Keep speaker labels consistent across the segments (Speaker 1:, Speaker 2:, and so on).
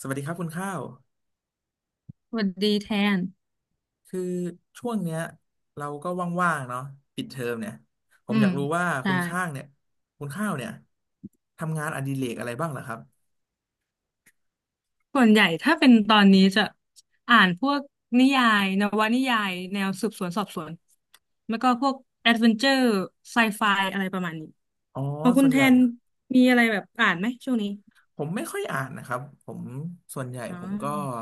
Speaker 1: สวัสดีครับคุณข้าว
Speaker 2: สวัสดีแทน
Speaker 1: คือช่วงเนี้ยเราก็ว่างๆเนาะปิดเทอมเนี่ยผ
Speaker 2: อื
Speaker 1: มอยา
Speaker 2: ม
Speaker 1: กรู้ว่าคุ
Speaker 2: ใช่
Speaker 1: ณข้างเนี่ยคุณข้าวเนี่ยทำงานอดิเรกอะไรบ้างเหรอครับ
Speaker 2: ส่วนใหญ่ถ้าเป็นตอนนี้จะอ่านพวกนิยายนวนิยายแนวสืบสวนสอบสวน แล้วก็พวกแอดเวนเจอร์ไซไฟอะไรประมาณนี้
Speaker 1: อ๋อ
Speaker 2: ของคุ
Speaker 1: ส่
Speaker 2: ณ
Speaker 1: วน
Speaker 2: แท
Speaker 1: ใหญ่
Speaker 2: นมีอะไรแบบอ่านไหมช่วงนี้
Speaker 1: ผมไม่ค่อยอ่านนะครับผมส่วนใหญ่
Speaker 2: อ๋
Speaker 1: ผมก็
Speaker 2: อ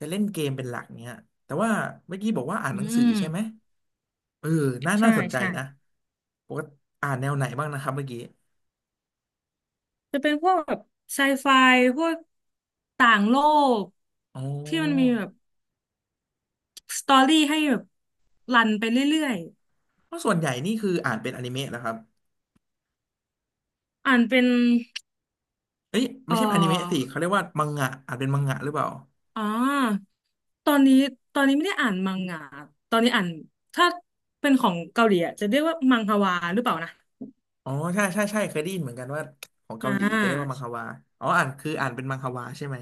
Speaker 1: จะเล่นเกมเป็นหลักเนี้ยแต่ว่าเมื่อกี้บอกว่าอ่าน
Speaker 2: อื
Speaker 1: หนังสือ
Speaker 2: ม
Speaker 1: ใช่ไหมเออน่า
Speaker 2: ใช่
Speaker 1: สนใจ
Speaker 2: ใช่
Speaker 1: นะปกติอ่านแนวไหนบ้างนะครับเมื่อกี้
Speaker 2: จะเป็นพวกแบบไซไฟพวกต่างโลก
Speaker 1: อ๋อ
Speaker 2: ที่มันมีแบบสตอรี่ให้แบบรันไปเรื่อย
Speaker 1: เพราะส่วนใหญ่นี่คืออ่านเป็นอนิเมะเหครับ
Speaker 2: ๆอ่านเป็น
Speaker 1: เอ้ยไม่
Speaker 2: เอ่
Speaker 1: ใช่อนิเมะสิ
Speaker 2: อ
Speaker 1: เขาเรียกว่ามังงะอาจเป็นมังงะหรือเปล่า
Speaker 2: อ่าตอนนี้ไม่ได้อ่านมังงะตอนนี้อ่านถ้าเป็นของเกาหลีอะจะเรียกว่ามังฮวาหรือเปล่านะ
Speaker 1: อ๋อใช่ใช่ใช่เคยได้ยินเหมือนกันว่าของ
Speaker 2: อ่
Speaker 1: เกาหลีจะเรียกว่ามัง
Speaker 2: า
Speaker 1: ฮวาอ๋ออ่านคืออ่านเป็นมังฮวาใช่ไหม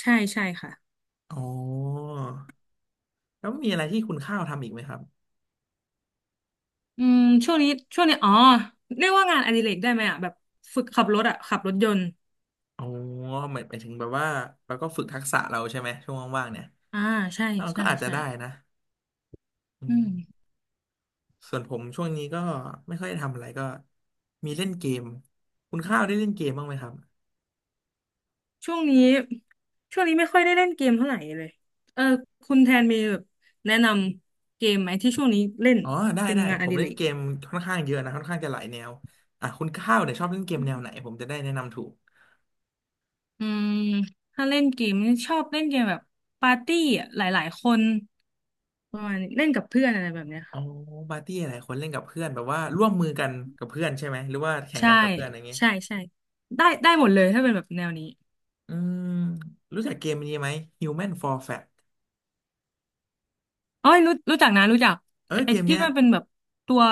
Speaker 2: ใช่ใช่ค่ะ
Speaker 1: อ๋อแล้วมีอะไรที่คุณข้าวทำอีกไหมครับ
Speaker 2: อืมช่วงนี้อ๋อเรียกว่างานอดิเรกได้ไหมอ่ะแบบฝึกขับรถอ่ะขับรถยนต์
Speaker 1: อ๋อหมายถึงแบบว่าเราก็ฝึกทักษะเราใช่ไหมช่วงว่างๆเนี่ย
Speaker 2: อ่า ใช่
Speaker 1: เราก็
Speaker 2: ใช่
Speaker 1: อาจจะ
Speaker 2: ใช่
Speaker 1: ได้นะอื
Speaker 2: อื
Speaker 1: ม
Speaker 2: ม
Speaker 1: ส่วนผมช่วงนี้ก็ไม่ค่อยได้ทำอะไรก็มีเล่นเกมคุณข้าวได้เล่นเกมบ้างไหมครับ
Speaker 2: ช่วงนี้ไม่ค่อยได้เล่นเกมเท่าไหร่เลยเออคุณแทนมีแบบแนะนำเกมไหมที่ช่วงนี้เล่น
Speaker 1: อ๋อได้
Speaker 2: เป็นงาน
Speaker 1: ผ
Speaker 2: อ
Speaker 1: ม
Speaker 2: ดิ
Speaker 1: เล่
Speaker 2: เร
Speaker 1: น
Speaker 2: ก
Speaker 1: เกมค่อนข้างเยอะนะค่อนข้างจะหลายแนวอ่ะคุณข้าวเนี่ยชอบเล่นเกมแนวไหนผมจะได้แนะนำถูก
Speaker 2: อืมถ้าเล่นเกมนี่ชอบเล่นเกมแบบปาร์ตี้อะหลายๆคนประมาณนี้เล่นกับเพื่อนอะไรแบบเนี้ย
Speaker 1: อ๋อปาร์ตี้อะไรคนเล่นกับเพื่อนแบบว่าร่วมมือกันกับเพื่อนใช่ไหมหรือว่าแข่ง
Speaker 2: ใช่
Speaker 1: กันกับเพื่อนอะไรเงี้ย
Speaker 2: ใช่ใช่ได้ได้หมดเลยถ้าเป็นแบบแนวนี้
Speaker 1: อืมรู้จักเกมนี้ไหม Human for Fat
Speaker 2: อ๋อยรู้รู้จักนะรู้จัก
Speaker 1: เออ
Speaker 2: ไอ้
Speaker 1: เกม
Speaker 2: ที่
Speaker 1: เนี้ย
Speaker 2: มันเป็นแบบตัว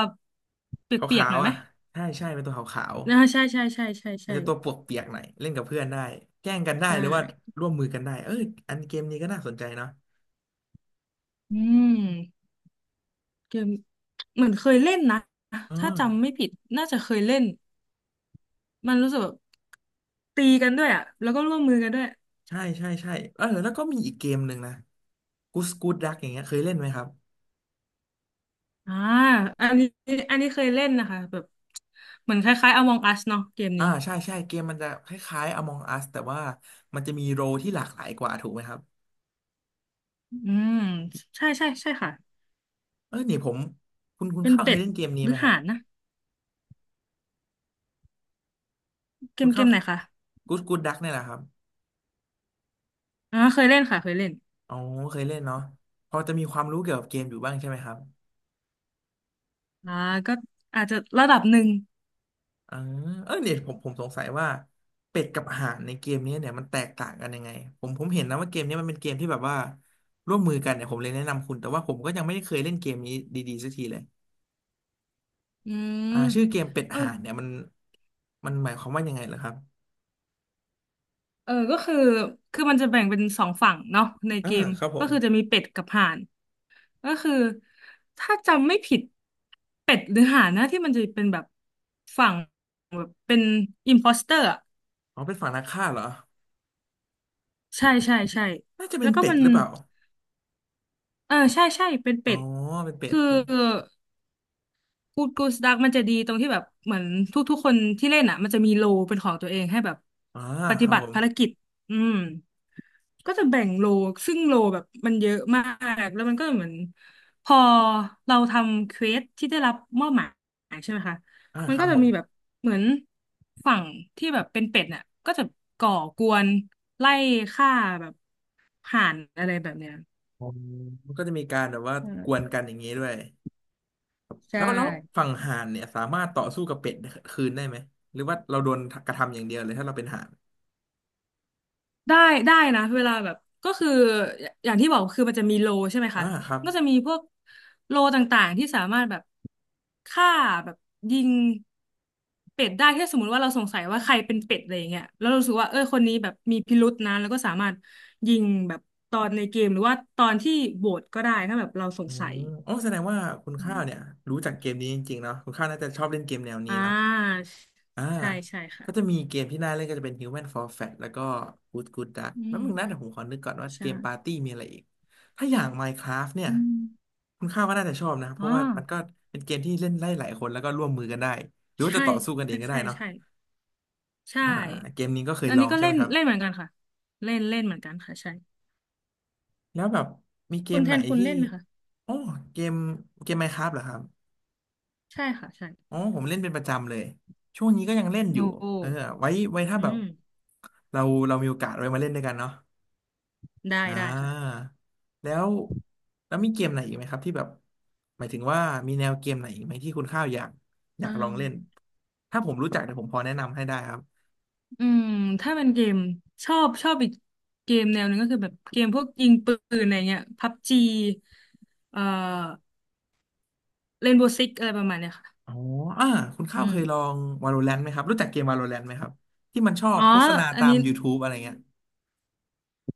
Speaker 1: ข
Speaker 2: เปียก
Speaker 1: า
Speaker 2: ๆห
Speaker 1: ว
Speaker 2: น่อย
Speaker 1: ๆ
Speaker 2: ไหม
Speaker 1: อ่ะใช่ใช่เป็นตัวขาว
Speaker 2: อ่าใช่ใช่ใช่ใช่
Speaker 1: ๆมัน
Speaker 2: ใช่
Speaker 1: จะตัวปวกเปียกหน่อยเล่นกับเพื่อนได้แกล้งกันได้
Speaker 2: ใช่
Speaker 1: หรือว่าร่วมมือกันได้เอออันเกมนี้ก็น่าสนใจเนาะ
Speaker 2: อืมเกมเหมือนเคยเล่นนะ
Speaker 1: เอ
Speaker 2: ถ้า
Speaker 1: อ
Speaker 2: จำไม่ผิดน่าจะเคยเล่นมันรู้สึกแบบตีกันด้วยอ่ะแล้วก็ร่วมมือกันด้วย
Speaker 1: ใช่ใช่ใช่เออแล้วก็มีอีกเกมหนึ่งนะกูสกูดดักอย่างเงี้ยเคยเล่นไหมครับ
Speaker 2: อ่าอันนี้เคยเล่นนะคะแบบเหมือนคล้ายๆ Among Us เนาะเกม
Speaker 1: อ่า
Speaker 2: นี้
Speaker 1: ใช่ใช่เกมมันจะคล้ายๆ Among Us แต่ว่ามันจะมีโรลที่หลากหลายกว่าถูกไหมครับ
Speaker 2: อืมใช่ใช่ใช่ค่ะ
Speaker 1: เออเนี่ยผมคุณ
Speaker 2: เป็น
Speaker 1: เข้าวเค
Speaker 2: เป็
Speaker 1: ย
Speaker 2: ด
Speaker 1: เล่นเกมนี้
Speaker 2: หรื
Speaker 1: ไหม
Speaker 2: อ
Speaker 1: ครั
Speaker 2: ห่า
Speaker 1: บ
Speaker 2: นนะเก
Speaker 1: คุณ
Speaker 2: ม
Speaker 1: เข้าว
Speaker 2: ไหนคะ
Speaker 1: กูสกูดดักเนี่ยแหละครับ
Speaker 2: อ่าเคยเล่นค่ะเคยเล่น
Speaker 1: อ๋อเคยเล่นเนาะพอจะมีความรู้เกี่ยวกับเกมอยู่บ้างใช่ไหมครับ
Speaker 2: อ่าก็อาจจะระดับหนึ่ง
Speaker 1: อ่าเออเนี่ยผมสงสัยว่าเป็ดกับห่านในเกมนี้เนี่ยมันแตกต่างกันยังไงผมเห็นนะว่าเกมนี้มันเป็นเกมที่แบบว่าร่วมมือกันเนี่ยผมเลยแนะนำคุณแต่ว่าผมก็ยังไม่ได้เคยเล่นเกมนี้ดีๆสักทีเลย
Speaker 2: อืม
Speaker 1: อ่าชื่อเกมเป็ด
Speaker 2: เอา
Speaker 1: ห่านเนี่ยมันหมายความว่ายังไงเหรอครับ
Speaker 2: เออก็คือมันจะแบ่งเป็นสองฝั่งเนาะใน
Speaker 1: อ่า
Speaker 2: เกม
Speaker 1: ครับผ
Speaker 2: ก็
Speaker 1: ม
Speaker 2: คือจะมีเป็ดกับห่านก็คือถ้าจำไม่ผิดเป็ดหรือห่านนะที่มันจะเป็นแบบฝั่งแบบเป็นอิมโพสเตอร์
Speaker 1: อ๋อเป็นฝั่งนักฆ่าเหรอ
Speaker 2: ใช่ใช่ใช่
Speaker 1: น่าจะเป็
Speaker 2: แล้
Speaker 1: น
Speaker 2: วก็
Speaker 1: เป็ด
Speaker 2: มัน
Speaker 1: หรือเปล่า
Speaker 2: เออใช่ใช่เป็น
Speaker 1: อ๋
Speaker 2: เป็
Speaker 1: อ
Speaker 2: ด
Speaker 1: เป็นเป็ด
Speaker 2: คือ
Speaker 1: อยู่
Speaker 2: กูดกูสดักมันจะดีตรงที่แบบเหมือนทุกๆคนที่เล่นอ่ะมันจะมีโลเป็นของตัวเองให้แบบ
Speaker 1: อ่า
Speaker 2: ป
Speaker 1: ค
Speaker 2: ฏิ
Speaker 1: รับ
Speaker 2: บั
Speaker 1: ผ
Speaker 2: ติ
Speaker 1: ม
Speaker 2: ภารกิจอืมก็จะแบ่งโลซึ่งโลแบบมันเยอะมาก แล้วมันก็เหมือนพอเราทำเควสที่ได้รับมอบหมายใช่ไหมคะ
Speaker 1: อ่า
Speaker 2: มั
Speaker 1: ค
Speaker 2: น
Speaker 1: รั
Speaker 2: ก็
Speaker 1: บ
Speaker 2: จะ
Speaker 1: ผม
Speaker 2: มีแบบเหมือนฝั่งที่แบบเป็นเป็ดน่ะก็จะก่อกวนไล่ฆ่าแบบห่านอะไรแบบเนี้ย
Speaker 1: อ๋อมันก็จะมีการแบบว่า
Speaker 2: อื
Speaker 1: ก
Speaker 2: ม
Speaker 1: วนกันอย่างนี้ด้วย
Speaker 2: ใช่
Speaker 1: แล้วฝั่งห่านเนี่ยสามารถต่อสู้กับเป็ดคืนได้ไหมหรือว่าเราโดนกระทำอย่างเดียวเลยถ้าเราเป็นห่าน
Speaker 2: ได้ได้นะเวลาแบบก็คือย่างที่บอกคือมันจะมีโลใช่ไหม
Speaker 1: อ่า
Speaker 2: คะ
Speaker 1: ครับ
Speaker 2: ก็จะมีพวกโลต่างๆที่สามารถแบบฆ่าแบบยิงเป็ดได้ถ้าสมมติว่าเราสงสัยว่าใครเป็นเป็ดอะไรอย่างเงี้ยแล้วเรารู้สึกว่าเออคนนี้แบบมีพิรุษนะแล้วก็สามารถยิงแบบตอนในเกมหรือว่าตอนที่โหวตก็ได้ถ้าแบบเราสง
Speaker 1: อื
Speaker 2: สั
Speaker 1: ม
Speaker 2: ย
Speaker 1: โอ้แสดงว่าคุณ
Speaker 2: อื
Speaker 1: ข้าว
Speaker 2: ม
Speaker 1: เนี่ยรู้จักเกมนี้จริงๆเนาะคุณข้าวน่าจะชอบเล่นเกมแนวนี้
Speaker 2: อ่
Speaker 1: เนาะ
Speaker 2: า
Speaker 1: อ่า
Speaker 2: ใช่ใช่ค่ะ
Speaker 1: ก็จะมีเกมที่น่าเล่นก็จะเป็น Human for Fat แล้วก็ Good Good Duck
Speaker 2: อื
Speaker 1: แล้ว
Speaker 2: ม
Speaker 1: มึงนะเดี๋ยวผมขอนึกก่อนว่าเกมปาร์
Speaker 2: ใช่
Speaker 1: ตี้มีอะไรอีกถ้าอย่าง Minecraft เนี่ย
Speaker 2: อืม
Speaker 1: คุณข้าวก็น่าจะชอบนะเพ
Speaker 2: อ๋อ
Speaker 1: ราะว่ามันก็เป็นเกมที่เล่นได้หลายคนแล้วก็ร่วมมือกันได้หรือว่าจะ
Speaker 2: ใช่
Speaker 1: ต่อสู้กันเอ
Speaker 2: ใช่
Speaker 1: งก็ได้
Speaker 2: ใช่
Speaker 1: เนาะ
Speaker 2: ใช่ ใช่
Speaker 1: อ่าเกมนี้ก็เคย
Speaker 2: อัน
Speaker 1: ลอ
Speaker 2: นี้
Speaker 1: ง
Speaker 2: ก็
Speaker 1: ใช่
Speaker 2: เล่
Speaker 1: ไหม
Speaker 2: น
Speaker 1: ครับ
Speaker 2: เล่นเหมือนกันค่ะเล่นเล่นเหมือนกันค่ะใช่
Speaker 1: แล้วแบบมีเก
Speaker 2: คุณ
Speaker 1: ม
Speaker 2: แท
Speaker 1: ไหน
Speaker 2: นคุณ
Speaker 1: ที่
Speaker 2: เล่นไหมคะ
Speaker 1: อ๋อเกมMinecraft เหรอครับ
Speaker 2: ใช่ค่ะใช่
Speaker 1: อ๋อผมเล่นเป็นประจำเลยช่วงนี้ก็ยังเล่นอยู่
Speaker 2: โอ้โห
Speaker 1: เออไว้ถ้า
Speaker 2: อื
Speaker 1: แบบ
Speaker 2: ม
Speaker 1: เรามีโอกาสไว้มาเล่นด้วยกันเนาะ
Speaker 2: ได้
Speaker 1: อ่า
Speaker 2: ได้ค่ะ
Speaker 1: แล้วมีเกมไหนอีกไหมครับที่แบบหมายถึงว่ามีแนวเกมไหนอีกไหมที่คุณข้าวอยาก
Speaker 2: อ่า
Speaker 1: ลองเล่นถ้าผมรู้จักเดี๋ยวผมพอแนะนำให้ได้ครับ
Speaker 2: อืมถ้าเป็นเกมชอบอีกเกมแนวหนึงก็คือแบบเกมพวกยิงปืนอะไรเงี้ยพับจีเอ่อเรนโบว์ซิกอะไรประมาณเนี้ยค่ะ
Speaker 1: อ๋ออ่าคุณ
Speaker 2: อื
Speaker 1: ข้าวเคยลอ
Speaker 2: ม
Speaker 1: ง Valorant ไหมครับรู้จักเกม Valorant ไหมครับที่มันชอบ
Speaker 2: อ๋อ
Speaker 1: โฆษณา
Speaker 2: อัน
Speaker 1: ตาม
Speaker 2: นี้
Speaker 1: YouTube อะไรเงี้ย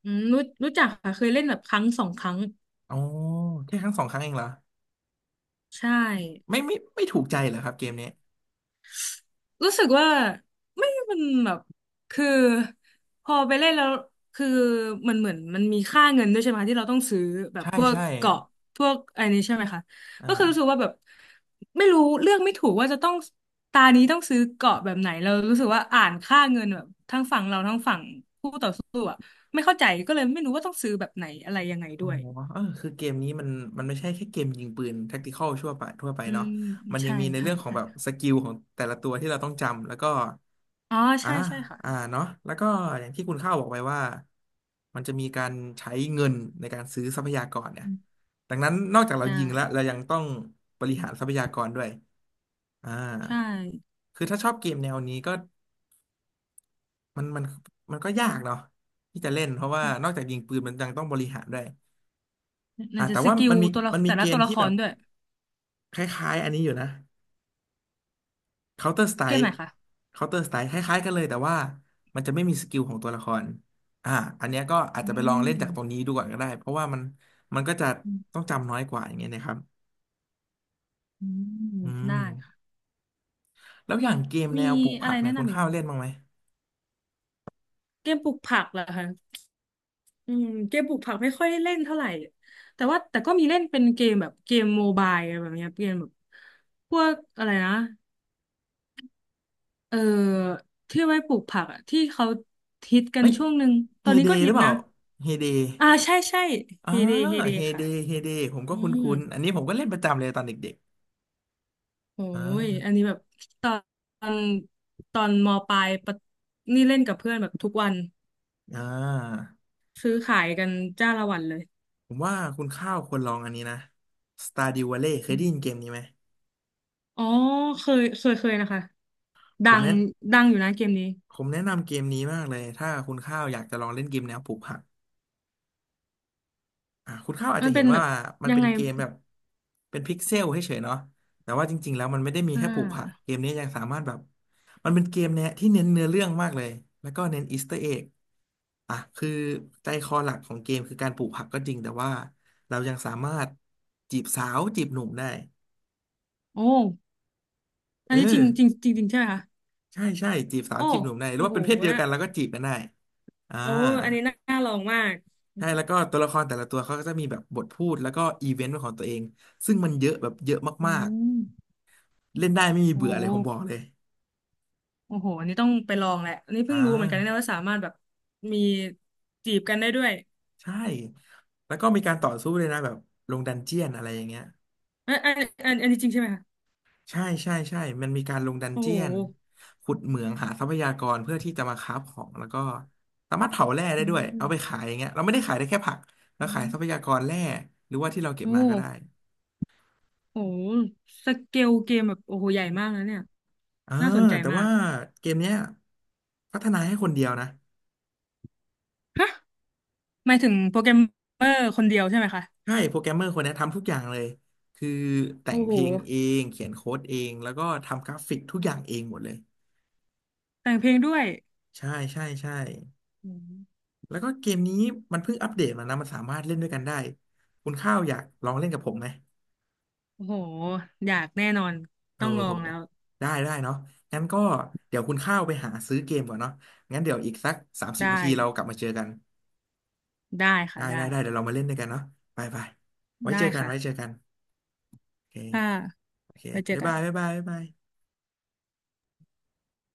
Speaker 2: อืมรู้รู้จักค่ะเคยเล่นแบบครั้งสองครั้ง
Speaker 1: อ๋อแค่ครั้งสองครั้งเองเหรอ
Speaker 2: ใช่
Speaker 1: ไม่ไม่ไม่ถูกใจเหรอครับเกมนี้
Speaker 2: รู้สึกว่าไม่มันแบบคือพอไปเล่นแล้วคือเหมือนมันมีค่าเงินด้วยใช่ไหมคะที่เราต้องซื้อแบบ
Speaker 1: ใช่
Speaker 2: พวก
Speaker 1: ใช่
Speaker 2: เกาะพวกอะไรนี้ใช่ไหมคะ
Speaker 1: อ่า
Speaker 2: ก็คือรู้สึกว่าแบบไม่รู้เลือกไม่ถูกว่าจะต้องตานี้ต้องซื้อเกาะแบบไหนเรารู้สึกว่าอ่านค่าเงินแบบทั้งฝั่งเราทั้งฝั่งคู่ต่อสู้อะไม่เข้าใจก็เลยไม่รู้ว่าต้องซื้อแบบไหนอะไรยังไง
Speaker 1: อ๋
Speaker 2: ด้
Speaker 1: อ
Speaker 2: วย
Speaker 1: เออคือเกมนี้มันไม่ใช่แค่เกมยิงปืนแท็กติคอลทั่วไปทั่วไป
Speaker 2: อื
Speaker 1: เนาะ
Speaker 2: ม
Speaker 1: มันยัง
Speaker 2: ใช่
Speaker 1: มีใน
Speaker 2: ใช่
Speaker 1: เรื่องของ
Speaker 2: ใช่
Speaker 1: แบบสกิลของแต่ละตัวที่เราต้องจำแล้วก็
Speaker 2: อ๋อ
Speaker 1: อ่า
Speaker 2: ใช่ใช่ค่ะ
Speaker 1: เนาะแล้วก็อย่างที่คุณข้าวบอกไปว่ามันจะมีการใช้เงินในการซื้อทรัพยากรเนี่ย
Speaker 2: อืม
Speaker 1: ดังนั้นนอกจากเรา
Speaker 2: ใช่
Speaker 1: ยิงแล้วเรายังต้องบริหารทรัพยากรด้วยอ่า
Speaker 2: ใช่
Speaker 1: คือถ้าชอบเกมแนวนี้ก็ มันมันมันก็ยากเนาะที่จะเล่นเพราะว่านอกจากยิงปืนมันยังต้องบริหารด้วย
Speaker 2: ไ่นจะ
Speaker 1: แต่
Speaker 2: ส
Speaker 1: ว่า
Speaker 2: กิล
Speaker 1: มันมี
Speaker 2: ตัวละ
Speaker 1: มันมี
Speaker 2: แต่
Speaker 1: เก
Speaker 2: ละ
Speaker 1: ม
Speaker 2: ตัวละ
Speaker 1: ที่
Speaker 2: ค
Speaker 1: แบ
Speaker 2: ร
Speaker 1: บ
Speaker 2: ด้วย
Speaker 1: คล้ายๆอันนี้อยู่นะ Counter
Speaker 2: เกม
Speaker 1: Strike
Speaker 2: ไหนคะ
Speaker 1: Counter Strike คล้ายๆกันเลยแต่ว่ามันจะไม่มีสกิลของตัวละครอ่าอันเนี้ยก็อาจ
Speaker 2: อื
Speaker 1: จะไปลองเล่นจากตรงนี้
Speaker 2: ม
Speaker 1: ดูก่อนก็ได้เพราะว่ามันก็จะ
Speaker 2: อื
Speaker 1: ต้อ
Speaker 2: ม
Speaker 1: งจำน้อยกว่าอย่างเงี้ยนะครับ
Speaker 2: อืม
Speaker 1: อื
Speaker 2: ได้
Speaker 1: ม
Speaker 2: ค่ะ
Speaker 1: แล้วอย่างเกมแน
Speaker 2: มี
Speaker 1: วปลูก
Speaker 2: อะ
Speaker 1: ผั
Speaker 2: ไร
Speaker 1: กเนี่
Speaker 2: แนะ
Speaker 1: ยคุณ
Speaker 2: นำอีก
Speaker 1: ข้า
Speaker 2: ไห
Speaker 1: ว
Speaker 2: ม
Speaker 1: เล่นบ้างไหม
Speaker 2: เกมปลูกผักเหรอคะอืมเกมปลูกผักไม่ค่อยได้เล่นเท่าไหร่แต่ว่าแต่ก็มีเล่นเป็นเกมแบบเกมโมบายอะไรแบบเนี้ยเกมแบบพวกอะไรนะเออที่ไว้ปลูกผักอะที่เขาฮิตกัน
Speaker 1: เฮ้ย
Speaker 2: ช่วงหนึ่งต
Speaker 1: เฮ
Speaker 2: อนนี้
Speaker 1: เด
Speaker 2: ก็
Speaker 1: ห
Speaker 2: ฮิ
Speaker 1: รือ
Speaker 2: ต
Speaker 1: เปล่า
Speaker 2: นะ
Speaker 1: เฮเด
Speaker 2: อ่าใช่ใช่
Speaker 1: อ่า
Speaker 2: เฮเดเฮเด
Speaker 1: เฮเด
Speaker 2: ค่ะ
Speaker 1: เฮเดผมก็
Speaker 2: อื
Speaker 1: คุ
Speaker 2: ม
Speaker 1: ้นๆอันนี้ผมก็เล่นประจำเลยตอนเด็ก
Speaker 2: โอ้
Speaker 1: ๆ
Speaker 2: ยอันนี้แบบตอนตอนตอนมปลายปะนี่เล่นกับเพื่อนแบบทุกวัน
Speaker 1: อ่า
Speaker 2: ซื้อขายกันจ้าละวันเลย
Speaker 1: ผมว่าคุณข้าวควรลองอันนี้นะ Stardew Valley เคยได้ยินเกมนี้ไหม
Speaker 2: อ๋อเคยเคยเคยนะคะ
Speaker 1: ผ
Speaker 2: ดั
Speaker 1: ม
Speaker 2: ง
Speaker 1: แนะ
Speaker 2: ดังอยู่นะเกมนี้
Speaker 1: ผมแนะนำเกมนี้มากเลยถ้าคุณข้าวอยากจะลองเล่นเกมแนวปลูกผัก คุณข้าวอาจ
Speaker 2: มั
Speaker 1: จะ
Speaker 2: น
Speaker 1: เห็
Speaker 2: เป็
Speaker 1: น
Speaker 2: นแบ
Speaker 1: ว่า
Speaker 2: บ
Speaker 1: มัน
Speaker 2: ยั
Speaker 1: เป็
Speaker 2: ง
Speaker 1: น
Speaker 2: ไง
Speaker 1: เกมแบบเป็นพิกเซลเฉยๆเนาะแต่ว่าจริงๆแล้วมันไม่ได้มี
Speaker 2: อ่
Speaker 1: แค่ปลูกผัก
Speaker 2: า
Speaker 1: เกมนี้ยังสามารถแบบมันเป็นเกมเนี่ยที่เน้นเนื้อเรื่องมากเลยแล้วก็เน้นอีสเตอร์เอ็กอ่ะคือใจคอหลักของเกมคือการปลูกผักก็จริงแต่ว่าเรายังสามารถจีบสาวจีบหนุ่มได้
Speaker 2: โอ้อั
Speaker 1: เอ
Speaker 2: นนี้จ
Speaker 1: อ
Speaker 2: ริงจริงจริงจริงใช่ไหมคะ
Speaker 1: ใช่ใช่จีบสาว
Speaker 2: โอ้
Speaker 1: จีบหนุ่มได้หรือ
Speaker 2: โอ้
Speaker 1: ว่า
Speaker 2: โห
Speaker 1: เป็นเพศเดียว
Speaker 2: นะ
Speaker 1: กันแล้วก็จีบกันได้อ่า
Speaker 2: โอ้อันนี้น่าน่าลองมาก
Speaker 1: ใช่แล้วก็ตัวละครแต่ละตัวเขาก็จะมีแบบบทพูดแล้วก็อีเวนต์ของตัวเอง ซึ่งมันเยอะแบบเยอะ
Speaker 2: อื
Speaker 1: มาก
Speaker 2: ม
Speaker 1: เล่นได้ไม่มี
Speaker 2: โอ้
Speaker 1: เบื่
Speaker 2: โอ้
Speaker 1: อเลยผมบอก
Speaker 2: โห
Speaker 1: เลย
Speaker 2: โอ้โหอันนี้ต้องไปลองแหละอันนี้
Speaker 1: อ่
Speaker 2: เพิ่งรู้เหมือนกันนะ
Speaker 1: า
Speaker 2: ว่าสามารถแบบมีจีบกันได้ด้วย
Speaker 1: ใช่ แล้วก็มีการต่อสู้เลยนะแบบลงดันเจียนอะไรอย่างเงี้ย
Speaker 2: อันอันนี้จริงใช่ไหมคะ
Speaker 1: ใช่ใช่ใช่มันมีการลงดัน
Speaker 2: โอ้
Speaker 1: เจี
Speaker 2: โห
Speaker 1: ยนขุดเหมืองหาทรัพยากรเพื่อที่จะมาค้าฟของแล้วก็สามารถเผาแร่ได้
Speaker 2: อื
Speaker 1: ด้วยเอาไปขา
Speaker 2: ม
Speaker 1: ยอย่างเงี้ยเราไม่ได้ขายได้แค่ผักเรา
Speaker 2: อ
Speaker 1: ขายทรัพยากรแร่หรือว่าที่เราเก็บ
Speaker 2: ื
Speaker 1: มาก็ได้
Speaker 2: มโอ้โหสเกลเกมแบบโอ้โหใหญ่มากนะเนี่ย
Speaker 1: เออ
Speaker 2: น่าสนใจ
Speaker 1: แต่
Speaker 2: มา
Speaker 1: ว่า
Speaker 2: ก
Speaker 1: เกมเนี้ยพัฒนาให้คนเดียวนะ
Speaker 2: ฮะหมายถึงโปรแกรมเมอร์คนเดียวใช่ไหมคะ
Speaker 1: ใช่โปรแกรมเมอร์คนเนี้ยทำทุกอย่างเลยคือแต่
Speaker 2: โอ้
Speaker 1: งเพ
Speaker 2: โห
Speaker 1: ลงเองเขียนโค้ดเองแล้วก็ทำกราฟิกทุกอย่างเองหมดเลย
Speaker 2: แต่งเพลงด้วย
Speaker 1: ใช่ใช่ใช่
Speaker 2: อืม
Speaker 1: แล้วก็เกมนี้มันเพิ่งอัปเดตมานะมันสามารถเล่นด้วยกันได้คุณข้าวอยากลองเล่นกับผมไหม
Speaker 2: โอ้โหอยากแน่นอน
Speaker 1: โอ้
Speaker 2: ต้องลอ
Speaker 1: โห
Speaker 2: งแล้ว
Speaker 1: ได้ได้เนาะงั้นก็เดี๋ยวคุณข้าวไปหาซื้อเกมก่อนเนาะงั้นเดี๋ยวอีกสักสามสิบนา
Speaker 2: ได้
Speaker 1: ทีเรากลับมาเจอกัน
Speaker 2: ได้
Speaker 1: ได้
Speaker 2: ค่ะ
Speaker 1: ได้
Speaker 2: ได้
Speaker 1: ได้เดี๋ยวเรามาเล่นด้วยกันเนาะไปไปไว้เจอกัน
Speaker 2: ค่ะ
Speaker 1: ไว้เจอกันโอเค
Speaker 2: ถ้า
Speaker 1: โอเค
Speaker 2: ไว้เจอ
Speaker 1: บ๊าย
Speaker 2: กัน
Speaker 1: บายบ๊ายบายบ๊ายบาย